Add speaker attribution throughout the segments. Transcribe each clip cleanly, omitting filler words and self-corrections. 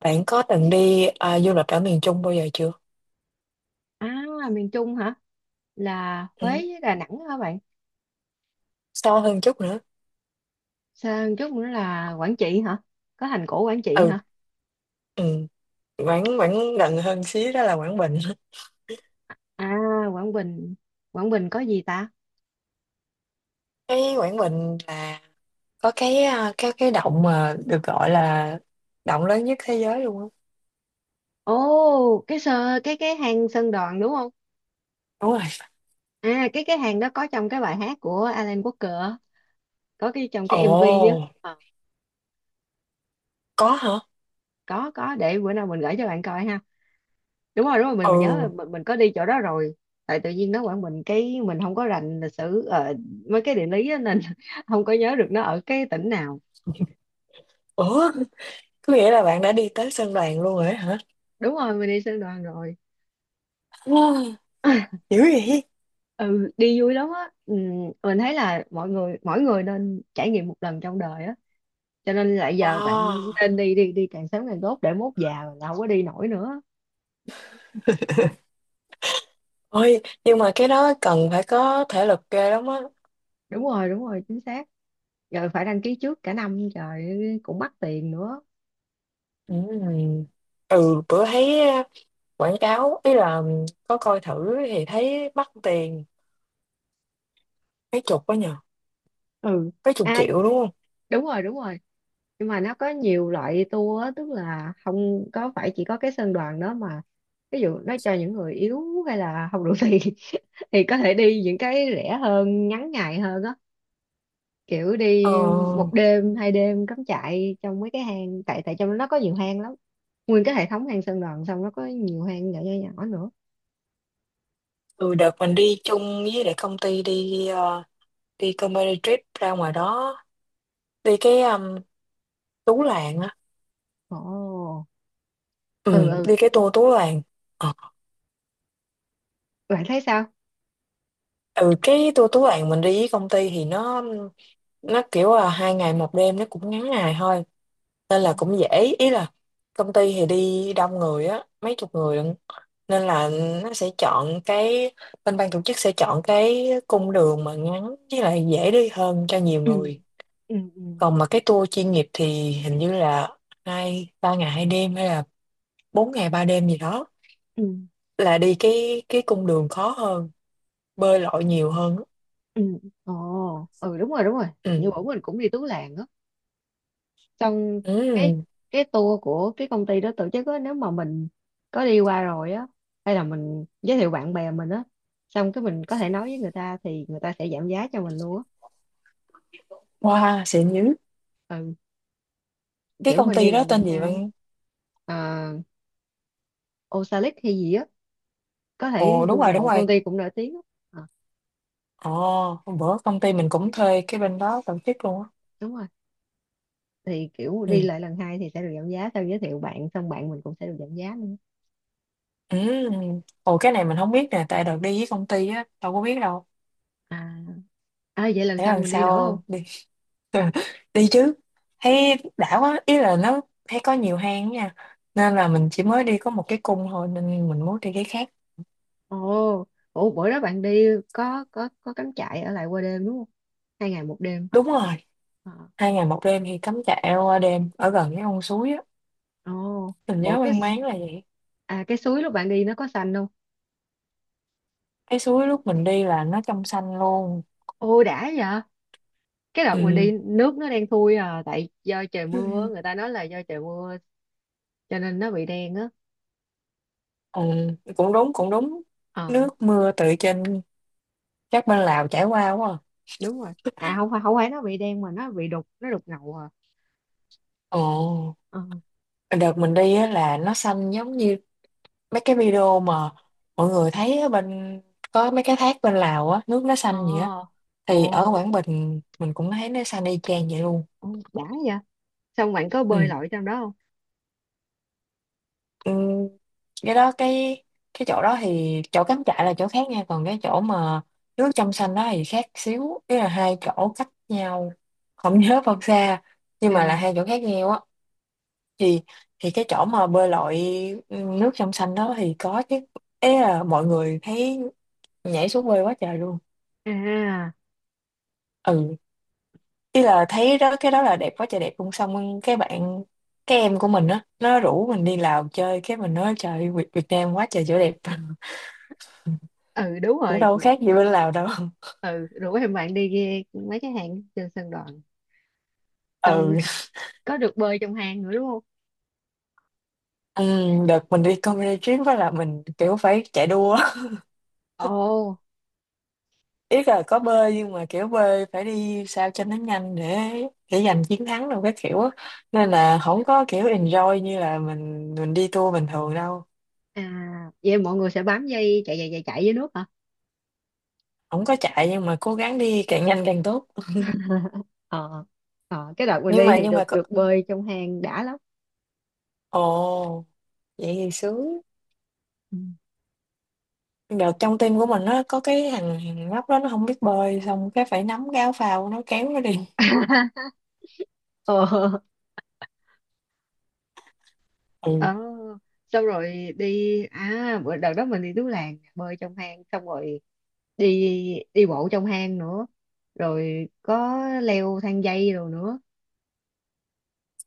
Speaker 1: Bạn có từng đi du lịch ở miền Trung bao giờ chưa?
Speaker 2: À, miền Trung hả? Là Huế
Speaker 1: Ừ.
Speaker 2: với Đà Nẵng hả bạn?
Speaker 1: Xa hơn chút nữa.
Speaker 2: Sang chút nữa là Quảng Trị hả? Có thành cổ Quảng Trị
Speaker 1: Ừ.
Speaker 2: hả?
Speaker 1: Ừ. Quảng Quảng gần hơn xíu đó là Quảng Bình.
Speaker 2: À, Quảng Bình. Quảng Bình có gì ta?
Speaker 1: Cái Quảng Bình là có cái à, cái cái động mà được gọi là động lớn nhất thế giới luôn á.
Speaker 2: Ồ, cái sơ cái hang Sơn Đoòng đúng không?
Speaker 1: Đúng rồi.
Speaker 2: À, cái hàng đó có trong cái bài hát của Alan Walker á, có cái trong cái MV á.
Speaker 1: Ồ,
Speaker 2: Ờ,
Speaker 1: có hả?
Speaker 2: có để bữa nào mình gửi cho bạn coi ha. Đúng rồi, mình nhớ là
Speaker 1: Ừ.
Speaker 2: mình có đi chỗ đó rồi. Tại tự nhiên nó Quảng Bình cái mình không có rành lịch sử mấy cái địa lý á, nên không có nhớ được nó ở cái tỉnh nào.
Speaker 1: Ủa, có nghĩa là bạn đã đi tới Sơn Đoàn luôn rồi á hả?
Speaker 2: Đúng rồi, mình đi sư đoàn rồi.
Speaker 1: Wow, dữ vậy.
Speaker 2: Ừ đi vui lắm á, ừ, mình thấy là mọi người, mỗi người nên trải nghiệm một lần trong đời á, cho nên là giờ bạn
Speaker 1: Wow.
Speaker 2: nên đi, đi đi càng sớm càng tốt, để mốt già là không có đi nổi nữa.
Speaker 1: Ôi, nhưng mà cái đó cần phải có thể lực ghê lắm á.
Speaker 2: Đúng rồi, đúng rồi, chính xác. Rồi phải đăng ký trước cả năm trời, cũng mắc tiền nữa.
Speaker 1: Ừ. Ừ, bữa thấy quảng cáo, ý là có coi thử thì thấy mắc tiền mấy chục quá nhờ,
Speaker 2: Ừ,
Speaker 1: mấy chục
Speaker 2: à,
Speaker 1: triệu đúng không?
Speaker 2: đúng rồi, đúng rồi, nhưng mà nó có nhiều loại tour á, tức là không có phải chỉ có cái sơn đoàn đó mà, ví dụ nó cho những người yếu hay là không đủ tiền thì có thể đi những cái rẻ hơn, ngắn ngày hơn á, kiểu đi một
Speaker 1: ờ
Speaker 2: đêm hai đêm cắm trại trong mấy cái hang, tại tại trong nó có nhiều hang lắm. Nguyên cái hệ thống hang sơn đoàn, xong nó có nhiều hang nhỏ nhỏ nhỏ nữa.
Speaker 1: ừ, đợt mình đi chung với lại công ty, đi đi company trip ra ngoài đó, đi cái Tú Làng á.
Speaker 2: Ồ, ừ
Speaker 1: Ừ,
Speaker 2: ừ,
Speaker 1: đi cái tour Tú Làng. Ờ,
Speaker 2: bạn thấy sao?
Speaker 1: ừ cái tour Tú Làng mình đi với công ty thì nó kiểu là hai ngày một đêm, nó cũng ngắn ngày thôi, nên là
Speaker 2: Ồ.
Speaker 1: cũng dễ, ý là công ty thì đi đông người á, mấy chục người lận, nên là nó sẽ chọn cái bên ban tổ chức sẽ chọn cái cung đường mà ngắn với lại dễ đi hơn cho nhiều
Speaker 2: Ừ
Speaker 1: người.
Speaker 2: ừ, ừ
Speaker 1: Còn mà cái tour chuyên nghiệp thì hình như là hai ba ngày hai đêm hay là bốn ngày ba đêm gì đó,
Speaker 2: ừ,
Speaker 1: là đi cái cung đường khó hơn, bơi lội nhiều hơn.
Speaker 2: ừ. Ồ ừ, đúng rồi, đúng rồi, như
Speaker 1: Ừ,
Speaker 2: bữa mình cũng đi Tú Làng á, xong cái
Speaker 1: ừ.
Speaker 2: cái tour của cái công ty đó tổ chức á, nếu mà mình có đi qua rồi á, hay là mình giới thiệu bạn bè mình á, xong cái mình có thể nói với người ta thì người ta sẽ giảm giá cho mình luôn á.
Speaker 1: Wow, xịn dữ.
Speaker 2: Ừ,
Speaker 1: Cái
Speaker 2: kiểu
Speaker 1: công
Speaker 2: mình đi
Speaker 1: ty
Speaker 2: là
Speaker 1: đó
Speaker 2: lần
Speaker 1: tên gì
Speaker 2: hai.
Speaker 1: bạn?
Speaker 2: À, Osalit hay gì á, có thể
Speaker 1: Ồ, đúng rồi, đúng
Speaker 2: Google, công
Speaker 1: rồi.
Speaker 2: ty cũng nổi tiếng á. Ờ,
Speaker 1: Ồ, hôm bữa công ty mình cũng thuê cái bên đó tổ chức luôn á.
Speaker 2: đúng rồi, thì kiểu đi
Speaker 1: Ừ.
Speaker 2: lại lần hai thì sẽ được giảm giá, sau giới thiệu bạn xong bạn mình cũng sẽ được giảm giá nữa.
Speaker 1: Ừ. Ồ, cái này mình không biết nè, tại đợt đi với công ty á đâu có biết đâu.
Speaker 2: À, à vậy lần
Speaker 1: Để
Speaker 2: sau
Speaker 1: lần
Speaker 2: mình đi nữa không?
Speaker 1: sau đi. Đi chứ. Thấy đã quá, ý là nó thấy có nhiều hang nha, nên là mình chỉ mới đi có một cái cung thôi nên mình muốn đi cái khác.
Speaker 2: Ồ, ủa bữa đó bạn đi có cắm trại ở lại qua đêm đúng không? Hai ngày một đêm.
Speaker 1: Đúng rồi.
Speaker 2: Ờ.
Speaker 1: Hai ngày một đêm thì cắm trại qua đêm ở gần cái con suối á,
Speaker 2: Ồ,
Speaker 1: mình
Speaker 2: ủa
Speaker 1: nhớ
Speaker 2: cái
Speaker 1: mang
Speaker 2: s-
Speaker 1: máng là vậy.
Speaker 2: à cái suối lúc bạn đi nó có xanh không?
Speaker 1: Cái suối lúc mình đi là nó trong xanh luôn.
Speaker 2: Ôi đã vậy. Cái đợt mình
Speaker 1: Ừ.
Speaker 2: đi nước nó đen thui à, tại do trời mưa,
Speaker 1: Ừ.
Speaker 2: người ta nói là do trời mưa cho nên nó bị đen á.
Speaker 1: Ừ, cũng đúng, cũng đúng.
Speaker 2: Ờ,
Speaker 1: Nước mưa từ trên các bên Lào chảy qua quá à.
Speaker 2: đúng rồi. À không phải, không phải nó bị đen mà nó bị đục, nó đục ngầu à.
Speaker 1: Ồ,
Speaker 2: Ờ.
Speaker 1: đợt mình đi á là nó xanh giống như mấy cái video mà mọi người thấy ở bên, có mấy cái thác bên Lào á nước nó
Speaker 2: Ờ.
Speaker 1: xanh vậy á, thì ở
Speaker 2: Ồ,
Speaker 1: Quảng Bình mình cũng thấy nó xanh y chang vậy luôn.
Speaker 2: ồ, đã vậy. Xong bạn có bơi
Speaker 1: Ừ.
Speaker 2: lội trong đó không?
Speaker 1: Ừ. cái đó cái cái chỗ đó thì chỗ cắm trại là chỗ khác nha, còn cái chỗ mà nước trong xanh đó thì khác xíu, ý là hai chỗ cách nhau không nhớ bao xa, nhưng mà là
Speaker 2: À,
Speaker 1: hai chỗ khác nhau á. Thì thì cái chỗ mà bơi lội nước trong xanh đó thì có chứ, ý là mọi người thấy nhảy xuống quê quá trời luôn.
Speaker 2: à.
Speaker 1: Ừ, ý là thấy đó cái đó là đẹp quá trời đẹp luôn, xong cái em của mình á nó rủ mình đi Lào chơi, cái mình nói trời, Việt Nam quá trời chỗ đẹp.
Speaker 2: Ừ đúng
Speaker 1: Cũng
Speaker 2: rồi,
Speaker 1: đâu có khác gì bên Lào đâu.
Speaker 2: ừ rủ em bạn đi ghe mấy cái hang trên sân đòn, xong
Speaker 1: Ừ.
Speaker 2: có được bơi trong hang nữa đúng không?
Speaker 1: Ừ, đợt mình đi comedy trip đó là mình kiểu phải chạy đua.
Speaker 2: Ồ,
Speaker 1: Ý là có bơi nhưng mà kiểu bơi phải đi sao cho nó nhanh để giành chiến thắng đâu cái kiểu á, nên là không có kiểu enjoy như là mình đi tour bình thường đâu.
Speaker 2: à vậy mọi người sẽ bám dây chạy chạy chạy chạy dưới nước hả?
Speaker 1: Không có chạy nhưng mà cố gắng đi càng nhanh càng tốt.
Speaker 2: Ờ, ờ cái đợt mình
Speaker 1: nhưng
Speaker 2: đi
Speaker 1: mà
Speaker 2: thì
Speaker 1: nhưng mà
Speaker 2: được
Speaker 1: có.
Speaker 2: được bơi trong hang đã lắm.
Speaker 1: Ồ, vậy thì sướng.
Speaker 2: Ừ.
Speaker 1: Nhưng trong team của mình nó có cái thằng thằng nhóc đó nó không biết bơi, xong cái phải nắm cái áo phao nó kéo nó đi.
Speaker 2: Ờ,
Speaker 1: Ừ.
Speaker 2: ờ xong rồi đi, à bữa đợt đó mình đi Tú Làng bơi trong hang, xong rồi đi, đi bộ trong hang nữa, rồi có leo thang dây rồi nữa,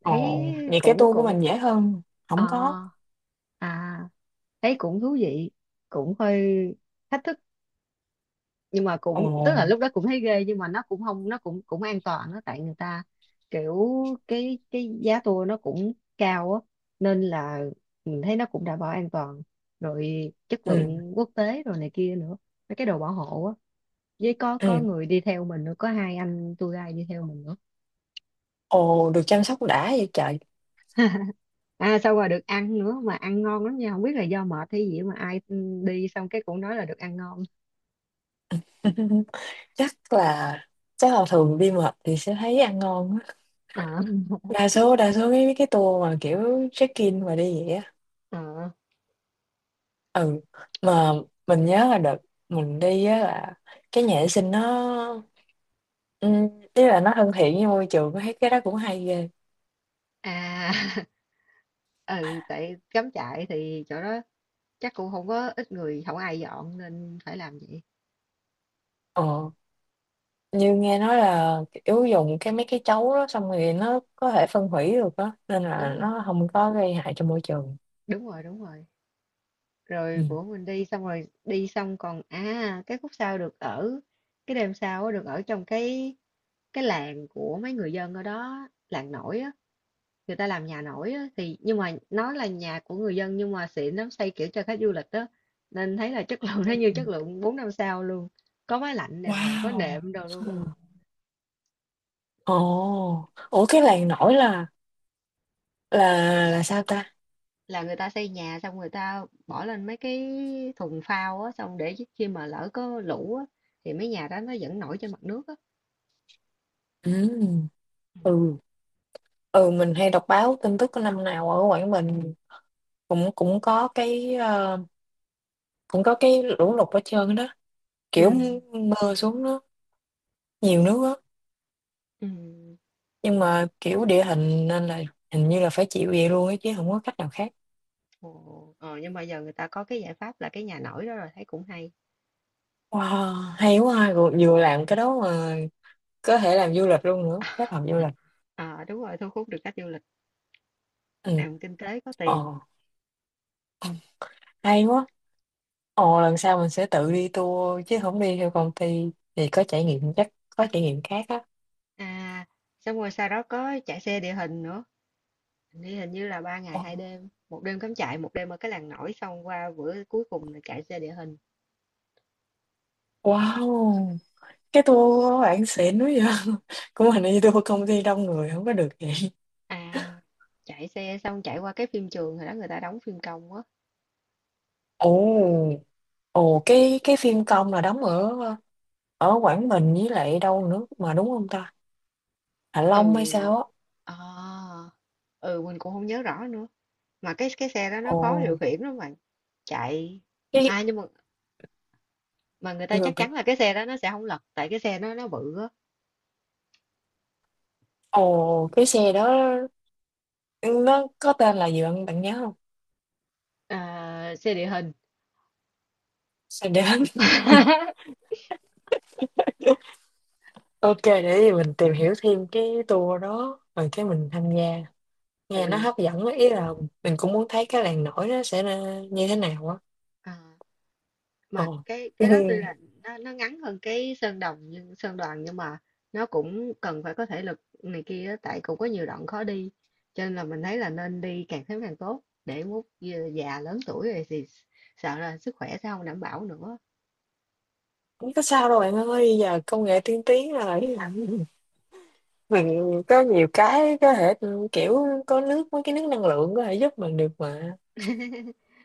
Speaker 2: thấy
Speaker 1: Ồ, vậy cái
Speaker 2: cũng
Speaker 1: tour của
Speaker 2: cũng
Speaker 1: mình dễ hơn,
Speaker 2: ờ,
Speaker 1: không có.
Speaker 2: à thấy cũng thú vị, cũng hơi thách thức, nhưng mà
Speaker 1: Ồ.
Speaker 2: cũng tức là lúc đó cũng thấy ghê nhưng mà nó cũng không, nó cũng cũng an toàn đó, tại người ta kiểu, cái giá tour nó cũng cao á, nên là mình thấy nó cũng đảm bảo an toàn rồi, chất
Speaker 1: Ừ,
Speaker 2: lượng quốc tế rồi này kia nữa, mấy cái đồ bảo hộ á, với
Speaker 1: ừ.
Speaker 2: có người đi theo mình nữa, có hai anh tour guide đi theo mình nữa.
Speaker 1: Ồ, được chăm sóc đã vậy trời.
Speaker 2: À xong rồi được ăn nữa, mà ăn ngon lắm nha, không biết là do mệt hay gì mà ai đi xong cái cũng nói là được ăn ngon.
Speaker 1: chắc là chắc là thường đi mệt thì sẽ thấy ăn ngon á.
Speaker 2: Ờ.
Speaker 1: Đa số cái tour mà kiểu check-in mà đi vậy á.
Speaker 2: Ờ.
Speaker 1: Ừ. Mà mình nhớ là đợt mình đi á là cái nhà vệ sinh nó, ừ, ý là nó thân thiện với môi trường, thấy cái đó cũng hay ghê.
Speaker 2: À ừ tại cắm trại thì chỗ đó chắc cũng không có ít người, không ai dọn nên phải làm vậy.
Speaker 1: Ờ, như nghe nói là kiểu dùng cái mấy cái chấu đó xong rồi nó có thể phân hủy được đó nên
Speaker 2: Đúng
Speaker 1: là
Speaker 2: rồi,
Speaker 1: nó không có gây hại cho môi trường.
Speaker 2: đúng rồi, đúng rồi,
Speaker 1: Ừ.
Speaker 2: rồi bữa mình đi xong, rồi đi xong còn à cái khúc sau được ở cái đêm sau á, được ở trong cái làng của mấy người dân ở đó, làng nổi á, người ta làm nhà nổi á, thì nhưng mà nó là nhà của người dân nhưng mà xịn lắm, xây kiểu cho khách du lịch đó, nên thấy là chất lượng nó như chất lượng 4 năm sao luôn, có máy lạnh đàng hoàng, có
Speaker 1: Wow.
Speaker 2: nệm đồ luôn.
Speaker 1: Ừ. Ồ, ủa cái làng nổi là là sao ta?
Speaker 2: Là người ta xây nhà xong người ta bỏ lên mấy cái thùng phao á, xong để khi mà lỡ có lũ á thì mấy nhà đó nó vẫn nổi trên mặt nước á.
Speaker 1: Ừ. Ừ, ừ mình hay đọc báo tin tức của năm nào ở Quảng Bình cũng cũng cũng có cái lũ lụt ở trơn đó,
Speaker 2: Ừ,
Speaker 1: kiểu mưa xuống nó nhiều nước á.
Speaker 2: ừ.
Speaker 1: Nhưng mà kiểu địa hình nên là hình như là phải chịu vậy luôn ấy chứ không có cách nào khác.
Speaker 2: Ồ, ờ, nhưng mà giờ người ta có cái giải pháp là cái nhà nổi đó rồi, thấy cũng hay.
Speaker 1: Wow, hay quá ha. Vừa vừa làm cái đó mà có thể làm du lịch luôn nữa, kết hợp du lịch.
Speaker 2: Ờ đúng rồi, thu hút được khách du lịch,
Speaker 1: Ừ.
Speaker 2: làm kinh tế có
Speaker 1: Ờ,
Speaker 2: tiền.
Speaker 1: hay quá. Ồ, lần sau mình sẽ tự đi tour chứ không đi theo công ty thì có trải nghiệm, chắc có trải nghiệm khác á.
Speaker 2: À, xong rồi sau đó có chạy xe địa hình nữa. Hình như, hình như là ba ngày
Speaker 1: Ồ.
Speaker 2: hai đêm, một đêm cắm trại, một đêm ở cái làng nổi, xong qua bữa cuối cùng là chạy xe địa hình.
Speaker 1: Wow, cái tour của bạn xịn quá vậy. Của mình đi tour công ty đông người không có được vậy.
Speaker 2: À, chạy xe xong chạy qua cái phim trường hồi đó người ta đóng phim công á.
Speaker 1: Ồ. Ồ, cái phim công là đóng ở ở Quảng Bình với lại đâu nữa mà, đúng không ta? Hạ Long hay
Speaker 2: Ừ.
Speaker 1: sao á.
Speaker 2: À, ừ mình cũng không nhớ rõ nữa. Mà cái xe đó nó
Speaker 1: Ồ,
Speaker 2: khó điều khiển lắm mà chạy.
Speaker 1: cái
Speaker 2: À nhưng mà người ta
Speaker 1: người
Speaker 2: chắc
Speaker 1: bạn
Speaker 2: chắn là cái xe đó nó sẽ không lật, tại cái xe nó bự á.
Speaker 1: ồ cái xe đó nó có tên là gì bạn bạn nhớ không?
Speaker 2: À, xe địa hình.
Speaker 1: Xe đến. OK, để gì mình tìm hiểu thêm cái tour đó rồi cái mình tham gia. Nghe nó
Speaker 2: Ừ.
Speaker 1: hấp dẫn á, ý là mình cũng muốn thấy cái làng nổi nó sẽ ra như thế nào á.
Speaker 2: À. Mà
Speaker 1: Ồ. Ừ,
Speaker 2: cái đó tuy là nó ngắn hơn cái sơn đồng, nhưng sơn đoàn nhưng mà nó cũng cần phải có thể lực này kia á, tại cũng có nhiều đoạn khó đi, cho nên là mình thấy là nên đi càng sớm càng tốt, để mốt già lớn tuổi rồi thì sợ là sức khỏe sẽ không đảm bảo nữa.
Speaker 1: không có sao đâu bạn ơi, giờ công nghệ tiên tiến rồi, mình có nhiều cái có thể, kiểu có nước mấy cái nước năng lượng có thể giúp mình được mà.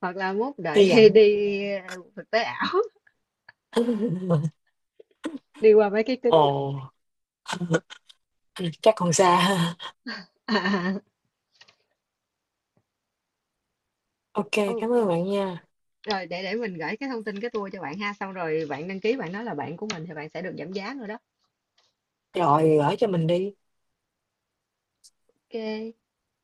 Speaker 2: Hoặc là mốt
Speaker 1: Hy
Speaker 2: đợi
Speaker 1: vọng.
Speaker 2: đi ờ, thực tế ảo đi qua mấy cái kính.
Speaker 1: Ồ. Ừ, chắc còn xa.
Speaker 2: À,
Speaker 1: OK,
Speaker 2: ô,
Speaker 1: cảm ơn bạn nha.
Speaker 2: rồi để mình gửi cái thông tin cái tour cho bạn ha, xong rồi bạn đăng ký, bạn nói là bạn của mình thì bạn sẽ được giảm giá nữa đó.
Speaker 1: Rồi gửi cho mình đi.
Speaker 2: Ok.